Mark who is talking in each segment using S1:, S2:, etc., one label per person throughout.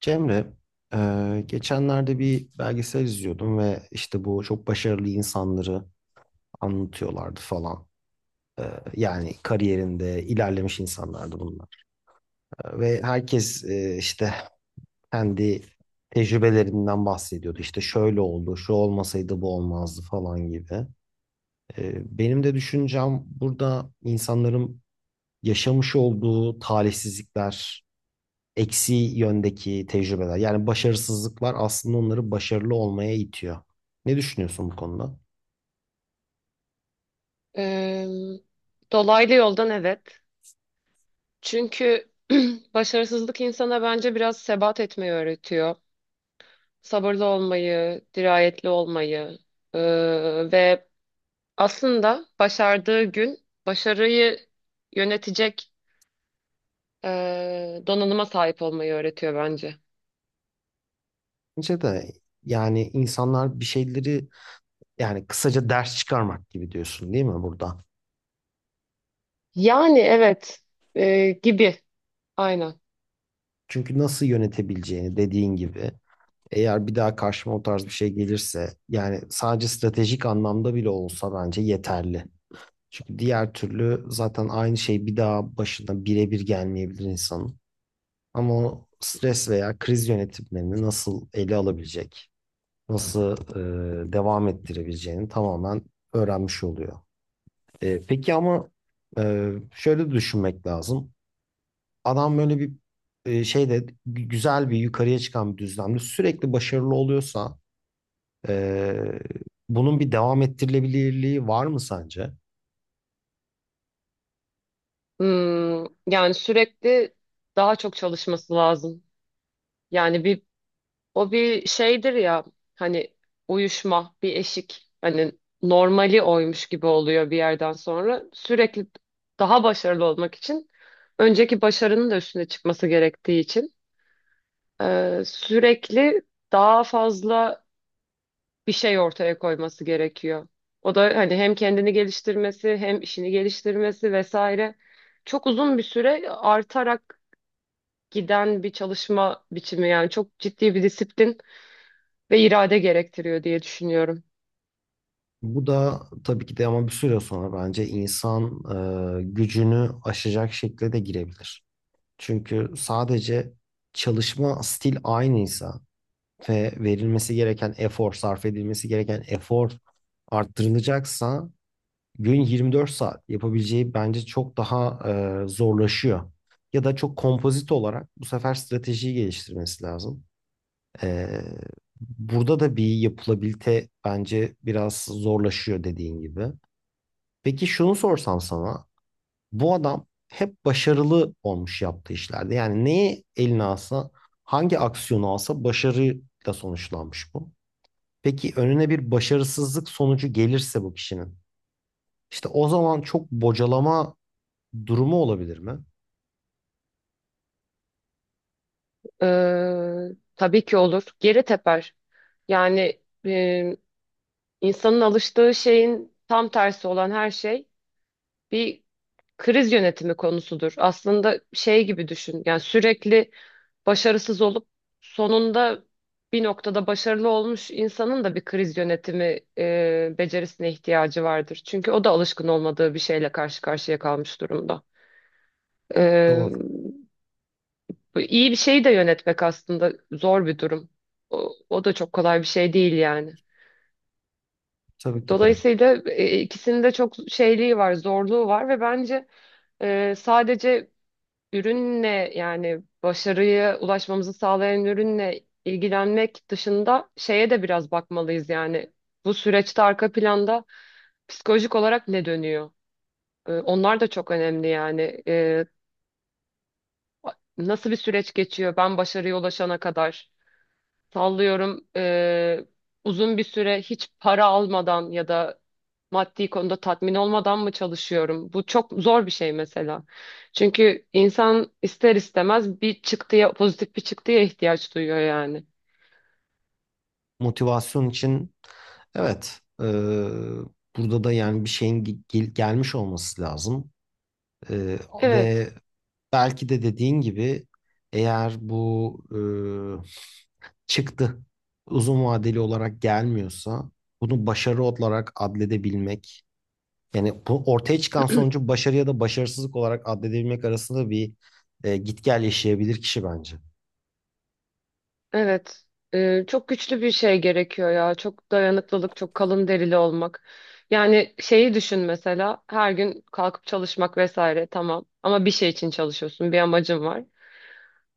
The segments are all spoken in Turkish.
S1: Cemre, geçenlerde bir belgesel izliyordum ve işte bu çok başarılı insanları anlatıyorlardı falan. E, Yani kariyerinde ilerlemiş insanlardı bunlar. Ve herkes işte kendi tecrübelerinden bahsediyordu. İşte şöyle oldu, şu olmasaydı bu olmazdı falan gibi. Benim de düşüncem burada insanların yaşamış olduğu talihsizlikler, eksi yöndeki tecrübeler. Yani başarısızlıklar aslında onları başarılı olmaya itiyor. Ne düşünüyorsun bu konuda?
S2: Ee, Dolaylı yoldan evet. Çünkü başarısızlık insana bence biraz sebat etmeyi öğretiyor. Sabırlı olmayı, dirayetli olmayı ee, ve aslında başardığı gün başarıyı yönetecek donanıma sahip olmayı öğretiyor bence.
S1: Bence de yani insanlar bir şeyleri, yani kısaca ders çıkarmak gibi diyorsun değil mi burada?
S2: Yani evet, gibi, aynen.
S1: Çünkü nasıl yönetebileceğini dediğin gibi, eğer bir daha karşıma o tarz bir şey gelirse yani sadece stratejik anlamda bile olsa bence yeterli. Çünkü diğer türlü zaten aynı şey bir daha başına birebir gelmeyebilir insanın. Ama o stres veya kriz yönetimlerini nasıl ele alabilecek, nasıl devam ettirebileceğini tamamen öğrenmiş oluyor. Peki ama şöyle düşünmek lazım. Adam böyle bir şeyde güzel bir yukarıya çıkan bir düzlemde sürekli başarılı oluyorsa e, bunun bir devam ettirilebilirliği var mı sence?
S2: Yani sürekli daha çok çalışması lazım. Yani bir. O bir şeydir ya, hani uyuşma bir eşik, hani normali oymuş gibi oluyor bir yerden sonra sürekli daha başarılı olmak için önceki başarının da üstüne çıkması gerektiği için sürekli daha fazla bir şey ortaya koyması gerekiyor. O da hani hem kendini geliştirmesi hem işini geliştirmesi vesaire çok uzun bir süre artarak giden bir çalışma biçimi, yani çok ciddi bir disiplin ve irade gerektiriyor diye düşünüyorum.
S1: Bu da tabii ki de, ama bir süre sonra bence insan gücünü aşacak şekilde de girebilir. Çünkü sadece çalışma stil aynıysa ve verilmesi gereken efor, sarf edilmesi gereken efor arttırılacaksa gün 24 saat yapabileceği bence çok daha zorlaşıyor. Ya da çok kompozit olarak bu sefer stratejiyi geliştirmesi lazım. E, Burada da bir yapılabilite bence biraz zorlaşıyor dediğin gibi. Peki şunu sorsam sana, bu adam hep başarılı olmuş yaptığı işlerde. Yani neyi eline alsa, hangi aksiyonu alsa başarıyla sonuçlanmış bu. Peki önüne bir başarısızlık sonucu gelirse bu kişinin, işte o zaman çok bocalama durumu olabilir mi?
S2: Tabii ki olur. Geri teper. Yani e, insanın alıştığı şeyin tam tersi olan her şey bir kriz yönetimi konusudur. Aslında şey gibi düşün. Yani sürekli başarısız olup sonunda bir noktada başarılı olmuş insanın da bir kriz yönetimi becerisine ihtiyacı vardır. Çünkü o da alışkın olmadığı bir şeyle karşı karşıya kalmış durumda.
S1: Doğru,
S2: Bu İyi bir şeyi de yönetmek aslında zor bir durum. O da çok kolay bir şey değil yani.
S1: tabii ki de.
S2: Dolayısıyla ikisinin de çok şeyliği var, zorluğu var ve bence sadece ürünle, yani başarıya ulaşmamızı sağlayan ürünle ilgilenmek dışında şeye de biraz bakmalıyız yani. Bu süreçte arka planda psikolojik olarak ne dönüyor? Onlar da çok önemli yani. Nasıl bir süreç geçiyor ben başarıya ulaşana kadar? Sallıyorum, uzun bir süre hiç para almadan ya da maddi konuda tatmin olmadan mı çalışıyorum? Bu çok zor bir şey mesela. Çünkü insan ister istemez bir çıktıya, pozitif bir çıktıya ihtiyaç duyuyor yani.
S1: Motivasyon için evet, burada da yani bir şeyin gelmiş olması lazım. E,
S2: Evet,
S1: Ve belki de dediğin gibi, eğer bu çıktı uzun vadeli olarak gelmiyorsa bunu başarı olarak adledebilmek, yani bu ortaya çıkan sonucu başarı ya da başarısızlık olarak adledebilmek arasında bir git gel yaşayabilir kişi bence.
S2: evet. Çok güçlü bir şey gerekiyor ya. Çok dayanıklılık, çok kalın derili olmak. Yani şeyi düşün mesela, her gün kalkıp çalışmak vesaire tamam. Ama bir şey için çalışıyorsun, bir amacın var.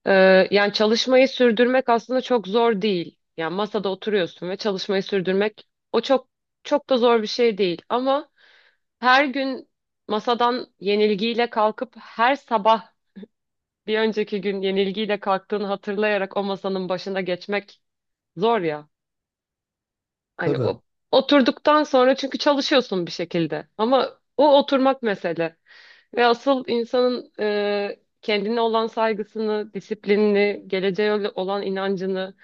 S2: Yani çalışmayı sürdürmek aslında çok zor değil. Yani masada oturuyorsun ve çalışmayı sürdürmek o çok çok da zor bir şey değil. Ama her gün masadan yenilgiyle kalkıp her sabah bir önceki gün yenilgiyle kalktığını hatırlayarak o masanın başına geçmek zor ya. Hani
S1: Tabii.
S2: o oturduktan sonra çünkü çalışıyorsun bir şekilde, ama o oturmak mesele. Ve asıl insanın kendine olan saygısını, disiplinini, geleceğe olan inancını,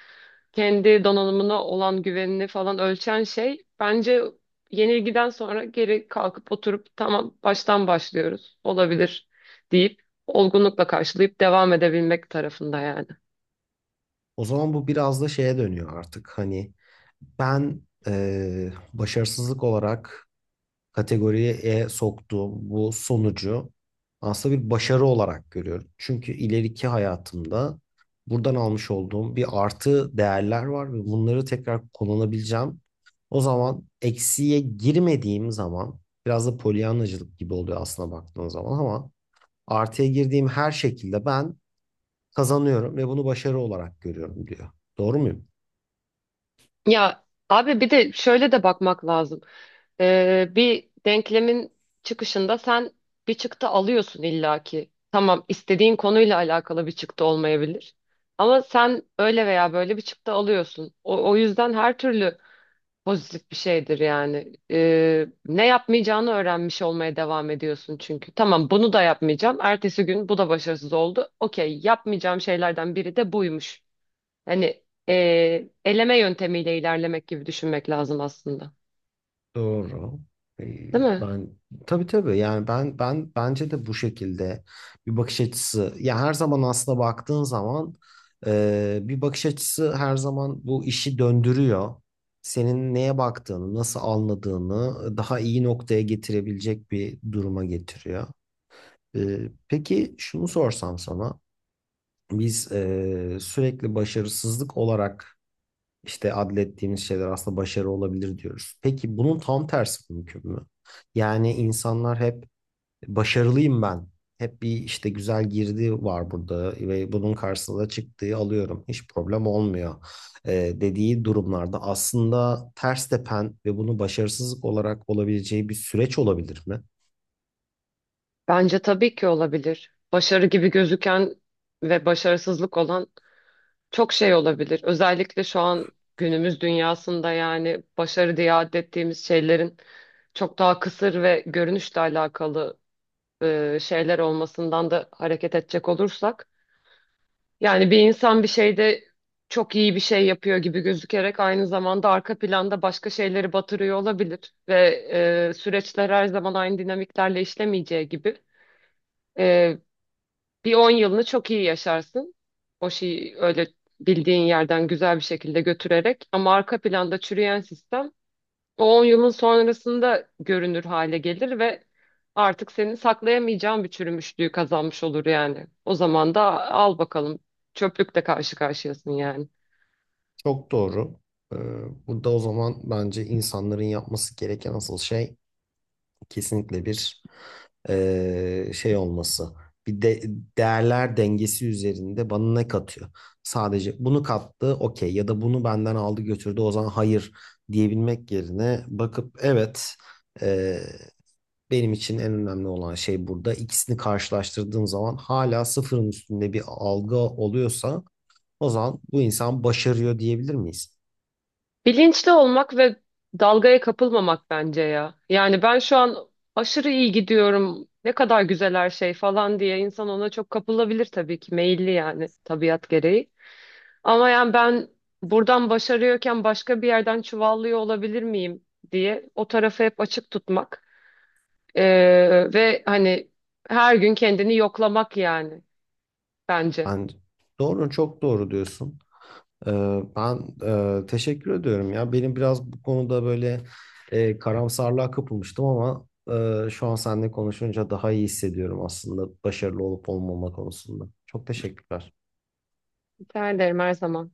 S2: kendi donanımına olan güvenini falan ölçen şey bence yenilgiden sonra geri kalkıp oturup tamam baştan başlıyoruz olabilir deyip olgunlukla karşılayıp devam edebilmek tarafında yani.
S1: O zaman bu biraz da şeye dönüyor artık. Hani ben başarısızlık olarak kategoriye soktuğum bu sonucu aslında bir başarı olarak görüyorum. Çünkü ileriki hayatımda buradan almış olduğum bir artı değerler var ve bunları tekrar kullanabileceğim. O zaman eksiye girmediğim zaman biraz da polyanacılık gibi oluyor aslına baktığın zaman, ama artıya girdiğim her şekilde ben kazanıyorum ve bunu başarı olarak görüyorum diyor. Doğru muyum?
S2: Ya abi, bir de şöyle de bakmak lazım. Bir denklemin çıkışında sen bir çıktı alıyorsun illaki. Tamam, istediğin konuyla alakalı bir çıktı olmayabilir. Ama sen öyle veya böyle bir çıktı alıyorsun. O yüzden her türlü pozitif bir şeydir yani. Ne yapmayacağını öğrenmiş olmaya devam ediyorsun çünkü. Tamam, bunu da yapmayacağım. Ertesi gün bu da başarısız oldu. Okey, yapmayacağım şeylerden biri de buymuş. Hani eleme yöntemiyle ilerlemek gibi düşünmek lazım aslında.
S1: Doğru.
S2: Değil mi?
S1: Ben tabii tabii, yani ben bence de bu şekilde bir bakış açısı, ya her zaman aslında baktığın zaman bir bakış açısı her zaman bu işi döndürüyor. Senin neye baktığını, nasıl anladığını daha iyi noktaya getirebilecek bir duruma getiriyor. Peki şunu sorsam sana, biz sürekli başarısızlık olarak işte adlettiğimiz şeyler aslında başarı olabilir diyoruz. Peki bunun tam tersi mümkün mü? Yani insanlar hep başarılıyım ben. Hep bir işte güzel girdi var burada ve bunun karşısında da çıktığı alıyorum. Hiç problem olmuyor e, dediği durumlarda aslında ters tepen ve bunu başarısızlık olarak olabileceği bir süreç olabilir mi?
S2: Bence tabii ki olabilir. Başarı gibi gözüken ve başarısızlık olan çok şey olabilir. Özellikle şu an günümüz dünyasında yani başarı diye adettiğimiz şeylerin çok daha kısır ve görünüşle alakalı şeyler olmasından da hareket edecek olursak. Yani bir insan bir şeyde çok iyi bir şey yapıyor gibi gözükerek aynı zamanda arka planda başka şeyleri batırıyor olabilir. Ve süreçler her zaman aynı dinamiklerle işlemeyeceği gibi, e, bir 10 yılını çok iyi yaşarsın. O şeyi öyle bildiğin yerden güzel bir şekilde götürerek. Ama arka planda çürüyen sistem o 10 yılın sonrasında görünür hale gelir ve artık seni saklayamayacağın bir çürümüşlüğü kazanmış olur yani. O zaman da al bakalım, çöplükle karşı karşıyasın yani.
S1: Çok doğru. E, Burada o zaman bence insanların yapması gereken asıl şey kesinlikle bir şey olması. Bir de değerler dengesi üzerinde bana ne katıyor? Sadece bunu kattı, okey, ya da bunu benden aldı götürdü o zaman hayır diyebilmek yerine bakıp evet, eee, benim için en önemli olan şey, burada ikisini karşılaştırdığım zaman hala sıfırın üstünde bir algı oluyorsa o zaman bu insan başarıyor diyebilir miyiz?
S2: Bilinçli olmak ve dalgaya kapılmamak bence ya. Yani ben şu an aşırı iyi gidiyorum, ne kadar güzel her şey falan diye insan ona çok kapılabilir tabii ki, meyilli yani tabiat gereği. Ama yani ben buradan başarıyorken başka bir yerden çuvallıyor olabilir miyim diye o tarafı hep açık tutmak, ve hani her gün kendini yoklamak yani bence.
S1: Ben doğru, çok doğru diyorsun. Ben teşekkür ediyorum ya. Benim biraz bu konuda böyle karamsarlığa kapılmıştım, ama şu an seninle konuşunca daha iyi hissediyorum aslında başarılı olup olmama konusunda. Çok teşekkürler.
S2: Rica ederim, her zaman.